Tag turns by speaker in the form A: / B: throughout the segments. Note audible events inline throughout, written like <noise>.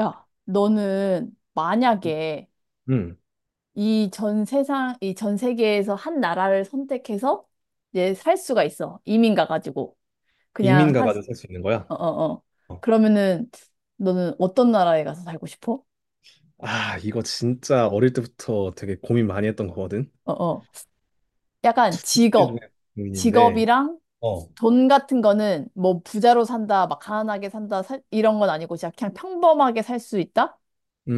A: 야, 너는 만약에
B: 음,
A: 이 전 세상, 이 전 세계에서 한 나라를 선택해서 이제 살 수가 있어. 이민 가가지고.
B: 이민
A: 그냥 사,
B: 가가지고 살 수 있는 거야.
A: 어, 어, 어.
B: 어.
A: 그러면은 너는 어떤 나라에 가서 살고 싶어?
B: 아, 이거 진짜 어릴 때부터 되게 고민 많이 했던 거거든.
A: 어, 어. 약간
B: 이 중에
A: 직업,
B: 고민인데,
A: 직업이랑
B: 어,
A: 돈 같은 거는 뭐 부자로 산다, 막 가난하게 산다, 이런 건 아니고 진짜 그냥 평범하게 살 수 있다?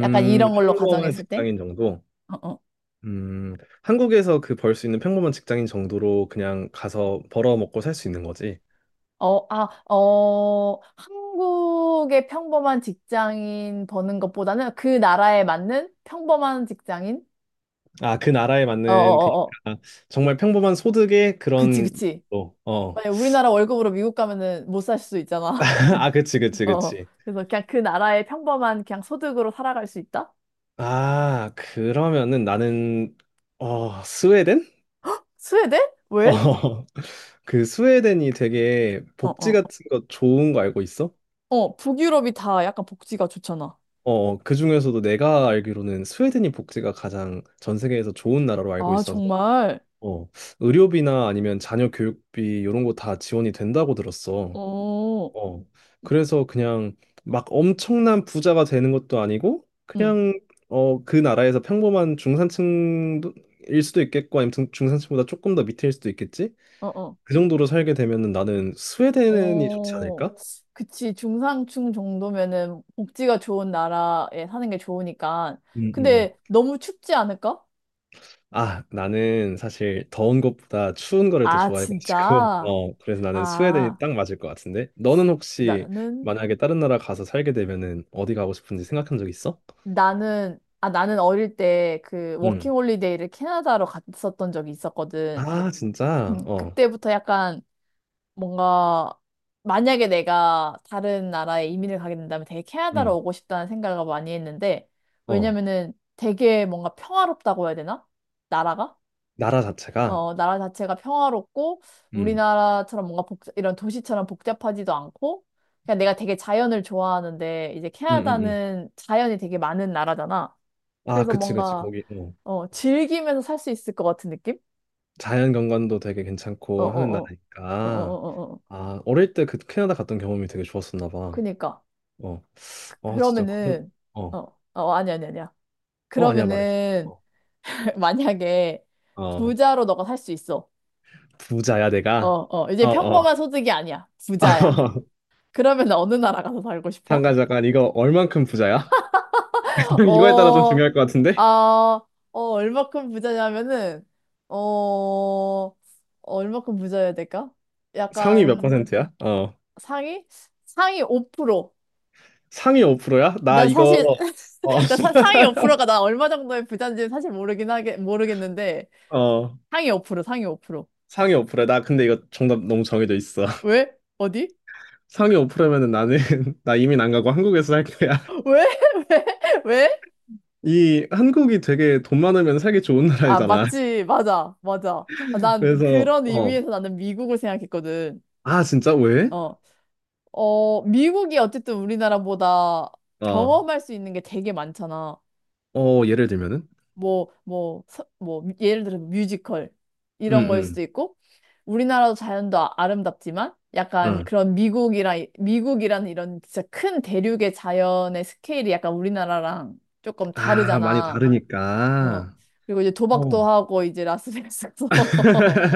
A: 약간 이런 걸로
B: 평범한
A: 가정했을 때?
B: 직장인 정도.
A: 어, 어.
B: 음, 한국에서 그 벌 수 있는 평범한 직장인 정도로 그냥 가서 벌어 먹고 살 수 있는 거지.
A: 한국의 평범한 직장인 버는 것보다는 그 나라에 맞는 평범한 직장인?
B: 아, 그 나라에
A: 어, 어,
B: 맞는 그러니까
A: 어, 어.
B: 정말 평범한 소득의
A: 그치,
B: 그런.
A: 그치.
B: 어, 어.
A: 만약 우리나라 월급으로 미국 가면은 못 살 수도
B: <laughs>
A: 있잖아.
B: 아, 그치,
A: <laughs>
B: 그치,
A: 어.
B: 그치.
A: 그래서 그냥 그 나라의 평범한 그냥 소득으로 살아갈 수 있다?
B: 아, 그러면은 나는 스웨덴?
A: 스웨덴? 왜?
B: 어, <laughs> 그 스웨덴이 되게
A: 어,
B: 복지
A: 어.
B: 같은 거 좋은 거 알고 있어?
A: 북유럽이 다 약간 복지가 좋잖아.
B: 어, 그 중에서도 내가 알기로는 스웨덴이 복지가 가장 전 세계에서 좋은 나라로 알고
A: 아,
B: 있어서
A: 정말?
B: 어, 의료비나 아니면 자녀 교육비 이런 거 다 지원이 된다고 들었어.
A: 어,
B: 어, 그래서 그냥 막 엄청난 부자가 되는 것도 아니고
A: 응.
B: 그냥 어, 그 나라에서 평범한 중산층일 수도 있겠고 아니면 중산층보다 조금 더 밑일 수도 있겠지?
A: 어, 어.
B: 그 정도로 살게 되면은 나는 스웨덴이 좋지
A: 어,
B: 않을까?
A: 그치. 중상층 정도면은 복지가 좋은 나라에 사는 게 좋으니까.
B: 음, 음, 음.
A: 근데 너무 춥지 않을까?
B: 아, 나는 사실 더운 것보다 추운 거를 더
A: 아,
B: 좋아해가지고, <laughs>
A: 진짜?
B: 어, 그래서 나는 스웨덴이
A: 아,
B: 딱 맞을 것 같은데? 너는 혹시
A: 나는,
B: 만약에 다른 나라 가서 살게 되면은 어디 가고 싶은지 생각한 적 있어?
A: 나는 어릴 때 그 워킹
B: 음,
A: 홀리데이를 캐나다로 갔었던 적이 있었거든.
B: 아, 진짜? 어,
A: 그때부터 약간 뭔가 만약에 내가 다른 나라에 이민을 가게 된다면 되게 캐나다로
B: 음,
A: 오고 싶다는 생각을 많이 했는데
B: 어,
A: 왜냐면은 되게 뭔가 평화롭다고 해야 되나? 나라가?
B: 나라 자체가?
A: 어, 나라 자체가 평화롭고
B: 음,
A: 우리나라처럼 뭔가 이런 도시처럼 복잡하지도 않고 그냥 내가 되게 자연을 좋아하는데 이제
B: 음, 음, 음.
A: 캐나다는 자연이 되게 많은 나라잖아.
B: 아,
A: 그래서
B: 그치, 그치.
A: 뭔가
B: 거기, 어,
A: 즐기면서 살 수 있을 것 같은 느낌?
B: 자연 경관도 되게
A: 어, 어,
B: 괜찮고 하는
A: 어, 어, 어,
B: 나라니까.
A: 어, 어. 어.
B: 아, 어릴 때 그 캐나다 갔던 경험이 되게 좋았었나 봐.
A: 그니까.
B: 어. 어, 진짜 그런.
A: 그러면은, 어,
B: 어.
A: 아니, 아니, 아니야.
B: 어, 아니야, 말해.
A: 그러면은,
B: 어.
A: <laughs> 만약에
B: 어.
A: 부자로 너가 살 수 있어.
B: 부자야
A: 어,
B: 내가.
A: 어, 이제
B: 어,
A: 평범한
B: 어.
A: 소득이 아니야. 부자야.
B: <laughs>
A: 그러면 어느 나라 가서 살고 싶어?
B: 잠깐 잠깐 이거 얼만큼 부자야? <laughs> 이거에 따라 좀
A: 어,
B: 중요할 것
A: 아,
B: 같은데.
A: 얼마큼 부자냐면은, 어, 어, 얼마큼 부자여야 될까?
B: 상위 몇
A: 약간
B: 퍼센트야? 어.
A: 상위? 상위 5%.
B: 상위 5%야? 나
A: 난
B: 이거
A: 사실,
B: 어.
A: <laughs> 상위 5%가
B: <laughs>
A: 나 얼마 정도의 부자인지 사실 모르겠는데,
B: 어.
A: 상위 5%, 상위 5%.
B: 상위 5%야. 나 근데 이거 정답 너무 정해져 있어. <laughs>
A: 왜? 어디?
B: 상위 5%면은 나는 <laughs> 나 이민 안 가고 한국에서 살 거야.
A: <laughs> 왜? <laughs> 왜? 왜?
B: 이 한국이 되게 돈 많으면 살기 좋은
A: 아,
B: 나라이잖아.
A: 맞지. 맞아. 맞아. 아,
B: <laughs>
A: 난
B: 그래서
A: 그런
B: 어.
A: 의미에서 나는 미국을 생각했거든.
B: 아, 진짜 왜?
A: 어. 미국이 어쨌든 우리나라보다
B: 어.
A: 경험할 수 있는 게 되게 많잖아.
B: 어, 예를 들면은
A: 뭐, 예를 들어 뮤지컬
B: 응,
A: 이런 거일 수도
B: 응,
A: 있고, 우리나라도 자연도 아름답지만, 약간
B: 응.
A: 그런 미국이라는 이런 진짜 큰 대륙의 자연의 스케일이 약간 우리나라랑 조금
B: 아, 많이
A: 다르잖아. 어.
B: 다르니까.
A: 그리고 이제 도박도
B: 어.
A: 하고 이제 라스베이거스 가서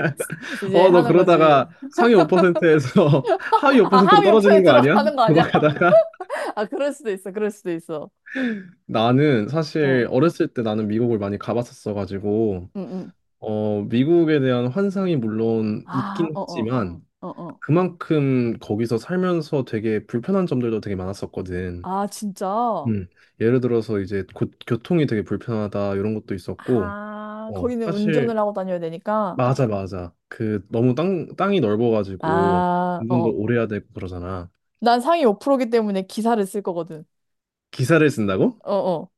A: <laughs> 이제
B: 어, 너
A: 하는 거지.
B: 그러다가 상위 5%에서 <laughs> 하위
A: 아,
B: 5%로
A: 하위 오픈에
B: 떨어지는 거 아니야?
A: 들어가는 거 아니야?
B: 도박하다가?
A: <laughs> 아, 그럴 수도 있어. 그럴 수도 있어.
B: <laughs> 나는
A: 어.
B: 사실 어렸을 때 나는 미국을 많이 가봤었어가지고,
A: 응, 응.
B: 어, 미국에 대한 환상이 물론
A: 아,
B: 있긴
A: 어, 어.
B: 하지만,
A: 어, 어.
B: 그만큼 거기서 살면서 되게 불편한 점들도 되게 많았었거든.
A: 아, 진짜?
B: 음, 예를 들어서 이제 고, 교통이 되게 불편하다 이런 것도 있었고,
A: 아,
B: 어,
A: 거기는
B: 사실
A: 운전을 하고 다녀야 되니까.
B: 맞아, 맞아. 그 너무 땅 땅이 넓어가지고
A: 아,
B: 운전도
A: 어.
B: 오래 해야 되고 그러잖아.
A: 난 상위 5%이기 때문에 기사를 쓸 거거든.
B: 기사를 쓴다고?
A: 어, 어.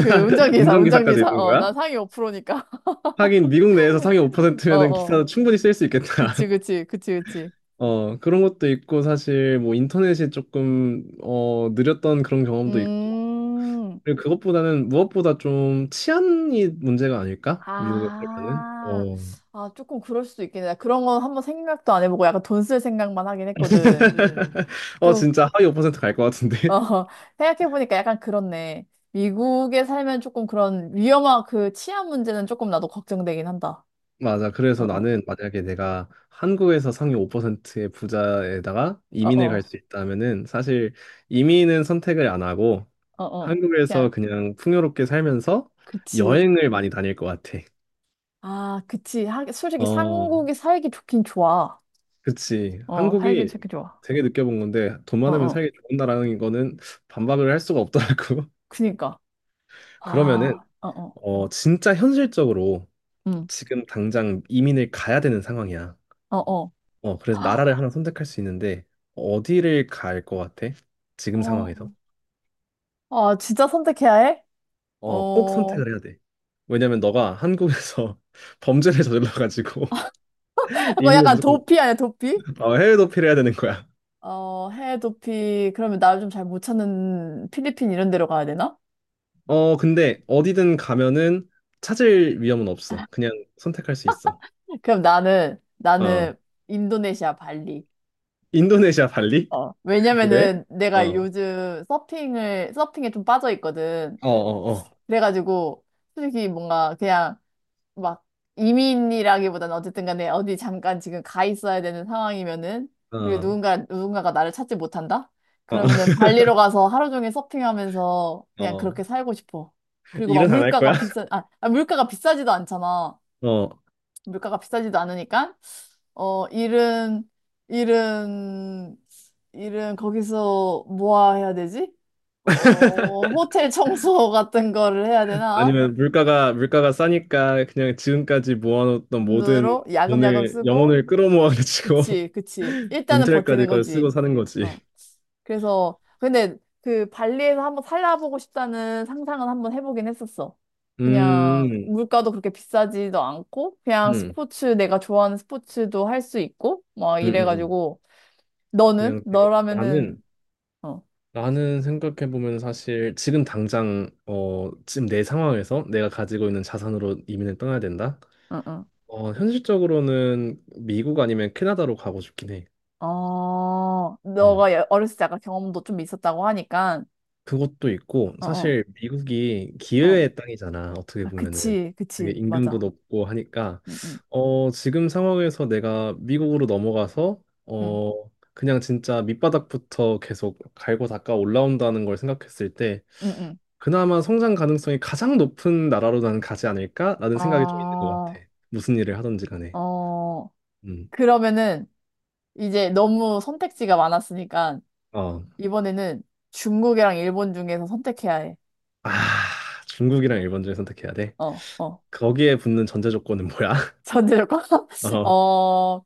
A: 그 운전기사,
B: 운전기사까지
A: 운전기사.
B: 있는
A: 어,
B: 거야?
A: 난 상위 5%니까.
B: 하긴 미국 내에서
A: <laughs>
B: 상위
A: 어,
B: 5%면은 기사도
A: 어.
B: 충분히 쓸 수 있겠다.
A: 그치, 그치, 그치, 그치.
B: <laughs> 어, 그런 것도 있고 사실 뭐 인터넷이 조금 어, 느렸던 그런 경험도 있고.
A: 음.
B: 그리고 그것보다는 무엇보다 좀 치안이 문제가 아닐까? 미국에 살면은.
A: 아,
B: 어.
A: 아, 조금 그럴 수도 있겠네. 나 그런 건 한번 생각도 안 해보고 약간 돈 쓸 생각만 하긴 했거든.
B: <laughs> 어,
A: 좀,
B: 진짜 하위 5%갈 것 같은데.
A: 어, <laughs> 생각해보니까 약간 그렇네. 미국에 살면 조금 그런 위험한 그 치안 문제는 조금 나도 걱정되긴 한다.
B: 맞아.
A: 어,
B: 그래서
A: 어,
B: 나는 만약에 내가 한국에서 상위 5%의 부자에다가
A: 어,
B: 이민을 갈
A: 어,
B: 수 있다면은 사실 이민은 선택을 안 하고
A: 어, 어.
B: 한국에서
A: 그냥,
B: 그냥 풍요롭게 살면서
A: 그치.
B: 여행을 많이 다닐 것 같아.
A: 아, 그치. 하, 솔직히
B: 어,
A: 한국이 살기 좋긴 좋아.
B: 그치.
A: 어, 살긴
B: 한국이
A: 살기 좋아.
B: 되게 느껴본 건데 돈
A: 어,
B: 많으면
A: 어.
B: 살기 좋은 나라는 거는 반박을 할 수가 없더라고. <laughs>
A: 그니까.
B: 그러면은
A: 아, 어, 어.
B: 어, 진짜 현실적으로
A: 음,
B: 지금 당장 이민을 가야 되는 상황이야.
A: 어, 어.
B: 어, 그래서 나라를 하나 선택할 수 있는데 어디를 갈 것 같아? 지금 상황에서?
A: 어, 아, 진짜 선택해야 해?
B: 어, 꼭
A: 어.
B: 선택을 해야 돼. 왜냐면 너가 한국에서 <laughs> 범죄를 저질러가지고 <laughs>
A: 그거
B: 이민을
A: 약간
B: 무조건
A: 도피 아니야, 도피?
B: 어, 해외 도피를 해야 되는 거야.
A: 어, 해외 도피. 그러면 나를 좀 잘 못 찾는 필리핀 이런 데로 가야 되나?
B: 어, 근데 어디든 가면은 찾을 위험은 없어. 그냥 선택할 수 있어.
A: 그럼
B: 어,
A: 나는 인도네시아 발리.
B: 인도네시아 발리?
A: 어,
B: <laughs> 왜?
A: 왜냐면은
B: 어,
A: 내가
B: 어,
A: 요즘 서핑에 좀 빠져 있거든.
B: 어, 어,
A: 그래가지고, 솔직히 뭔가 그냥 막 이민이라기보다는 어쨌든 간에 어디 잠깐 지금 가 있어야 되는 상황이면은 그리고
B: 어,
A: 누군가가 나를 찾지 못한다?
B: 어,
A: 그러면은
B: <laughs>
A: 발리로 가서 하루 종일 서핑하면서 그냥
B: 어.
A: 그렇게 살고 싶어. 그리고 막
B: 일은 안 할 거야?
A: 물가가 비싸지도 않잖아.
B: <laughs> 어
A: 물가가 비싸지도 않으니까 어 일은 일은 일은 거기서 뭐야 해야 되지? 어 호텔 청소 같은 거를 해야 되나?
B: 아니면 물가가 싸니까 그냥 지금까지 모아놓던 모든
A: 으로 야금야금
B: 돈을
A: 쓰고
B: 영혼을 끌어모아가지고
A: 그치, 그치.
B: <laughs>
A: 일단은
B: 은퇴할까지
A: 버티는
B: 그걸 쓰고
A: 거지.
B: 사는 거지.
A: 어. 그래서, 근데 그 발리에서 한번 살아보고 싶다는 상상은 한번 해보긴 했었어.
B: 음,
A: 그냥
B: 음,
A: 물가도 그렇게 비싸지도 않고, 그냥
B: 음,
A: 스포츠, 내가 좋아하는 스포츠도 할 수 있고, 막
B: 음, 음.
A: 이래가지고, 너는?
B: 그냥 되게
A: 너라면은,
B: 나는
A: 어,
B: 생각해 보면 사실 지금 당장 어 지금 내 상황에서 내가 가지고 있는 자산으로 이민을 떠나야 된다.
A: 응, 응.
B: 어 현실적으로는 미국 아니면 캐나다로 가고 싶긴 해.
A: 어,
B: 음.
A: 너가 어렸을 때 약간 경험도 좀 있었다고 하니까,
B: 그것도 있고
A: 어, 어,
B: 사실 미국이
A: 어.
B: 기회의 땅이잖아. 어떻게
A: 아,
B: 보면은
A: 그치,
B: 되게
A: 그치.
B: 임금도
A: 맞아.
B: 높고 하니까
A: 응, 응,
B: 어 지금 상황에서 내가 미국으로 넘어가서
A: 응,
B: 어 그냥 진짜 밑바닥부터 계속 갈고 닦아 올라온다는 걸 생각했을 때
A: 응, 응.
B: 그나마 성장 가능성이 가장 높은 나라로 나는 가지 않을까라는 생각이 좀 있는 것 같아.
A: 어,
B: 무슨 일을 하든지 간에.
A: 어.
B: 음.
A: 그러면은 이제 너무 선택지가 많았으니까
B: 어.
A: 이번에는 중국이랑 일본 중에서 선택해야 해.
B: 아, 중국이랑 일본 중에 선택해야 돼.
A: 어, 어.
B: 거기에 붙는 전제 조건은 뭐야?
A: 전제 조건? <laughs>
B: <laughs>
A: 어,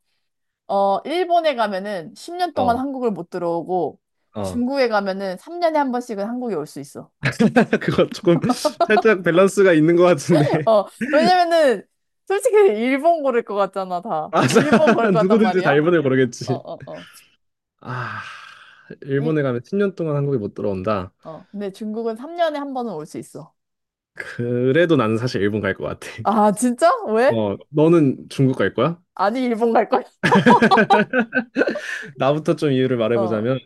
A: 일본에 가면은 10년
B: 어.
A: 동안
B: 어.
A: 한국을 못 들어오고
B: 어.
A: 중국에 가면은 3년에 한 번씩은 한국에 올 수 있어.
B: <laughs> 그거 조금 살짝 밸런스가 있는 것
A: <laughs>
B: 같은데.
A: 어, 왜냐면은 솔직히 일본 고를 것 같잖아,
B: <laughs>
A: 다.
B: 맞아.
A: 일본 고를 것 같단
B: 누구든지 다
A: 말이야?
B: 일본을
A: 어,
B: 고르겠지.
A: 어, 어.
B: 아,
A: 이,
B: 일본에 가면 10년 동안 한국에 못 들어온다.
A: 어. 근데 중국은 3년에 한 번은 올 수 있어.
B: 그래도 나는 사실 일본 갈 것 같아.
A: 아, 진짜? 왜?
B: 어, 너는 중국 갈 거야?
A: 아니, 일본 갈 거야. <laughs>
B: 나부터 좀 이유를
A: 어,
B: 말해보자면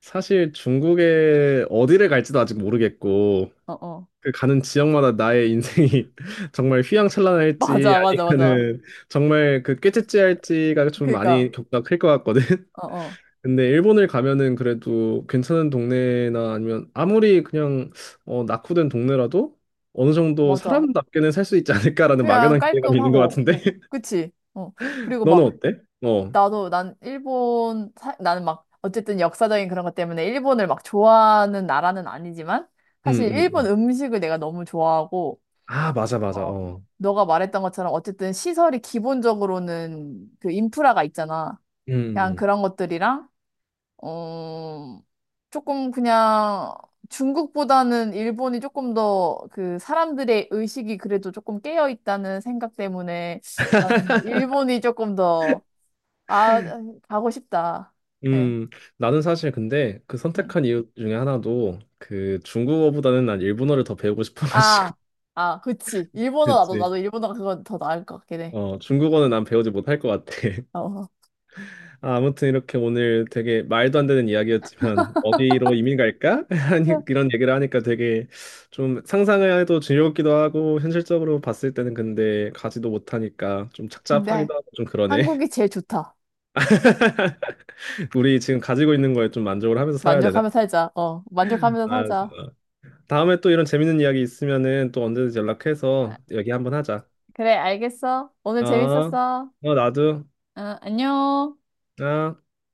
B: 사실 중국에 어디를 갈지도 아직 모르겠고
A: 어, 어.
B: 그 가는 지역마다 나의 인생이 <laughs> 정말 휘황찬란할지
A: 맞아, 맞아, 맞아.
B: 아니면은 정말 그 꾀째째할지가 좀 많이
A: 그러니까,
B: 격차가 클 것 같거든.
A: 어, 어,
B: 근데 일본을 가면은 그래도 괜찮은 동네나 아니면 아무리 그냥 어, 낙후된 동네라도 어느 정도
A: 맞아.
B: 사람답게는 살 수 있지 않을까라는
A: 그냥
B: 막연한 기대감이 있는 것
A: 깔끔하고,
B: 같은데. <laughs>
A: 그치? 어. 그리고
B: 너는
A: 막,
B: 어때? 어,
A: 나도, 난 일본, 사, 나는 막, 어쨌든 역사적인 그런 것 때문에 일본을 막 좋아하는 나라는 아니지만,
B: 음,
A: 사실 일본
B: 음.
A: 음식을 내가 너무 좋아하고,
B: 아, 맞아,
A: 어,
B: 맞아.
A: 어.
B: 어,
A: 너가 말했던 것처럼 어쨌든 시설이 기본적으로는 그 인프라가 있잖아.
B: 음,
A: 그냥
B: 음.
A: 그런 것들이랑, 어, 조금 그냥 중국보다는 일본이 조금 더 그 사람들의 의식이 그래도 조금 깨어 있다는 생각 때문에 나는 일본이 조금 더, 아, 가고 싶다.
B: 음,
A: 예.
B: 음, 나는 사실 근데 그
A: 음.
B: 선택한 이유 중에 하나도 그 중국어보다는 난 일본어를 더 배우고 싶어가지고.
A: 아, 아, 그치.
B: <laughs>
A: 일본어
B: 그랬지.
A: 나도 일본어가 그건 더 나을 것 같긴 해.
B: 어, 중국어는 난 배우지 못할 것 같아.
A: 어.
B: 아, 아무튼 이렇게 오늘 되게 말도 안 되는 이야기였지만 <laughs> 어디로 이민 갈까? <laughs> 아니,
A: <laughs>
B: 이런 얘기를 하니까 되게 좀 상상을 해도 즐겁기도 하고 현실적으로 봤을 때는 근데 가지도 못하니까 좀
A: 근데
B: 착잡하기도 하고 좀 그러네.
A: 한국이 제일 좋다.
B: <laughs> 우리 지금 가지고 있는 거에 좀 만족을 하면서 살아야 되나?
A: 만족하며 살자. 어, 만족하면서
B: 아,
A: 살자.
B: 진짜. 다음에 또 이런 재밌는 이야기 있으면은 또 언제든지
A: 아,
B: 연락해서 얘기 한번 하자.
A: 그래, 알겠어. 오늘
B: 아,
A: 재밌었어.
B: 어, 나도.
A: 어, 안녕.
B: 아.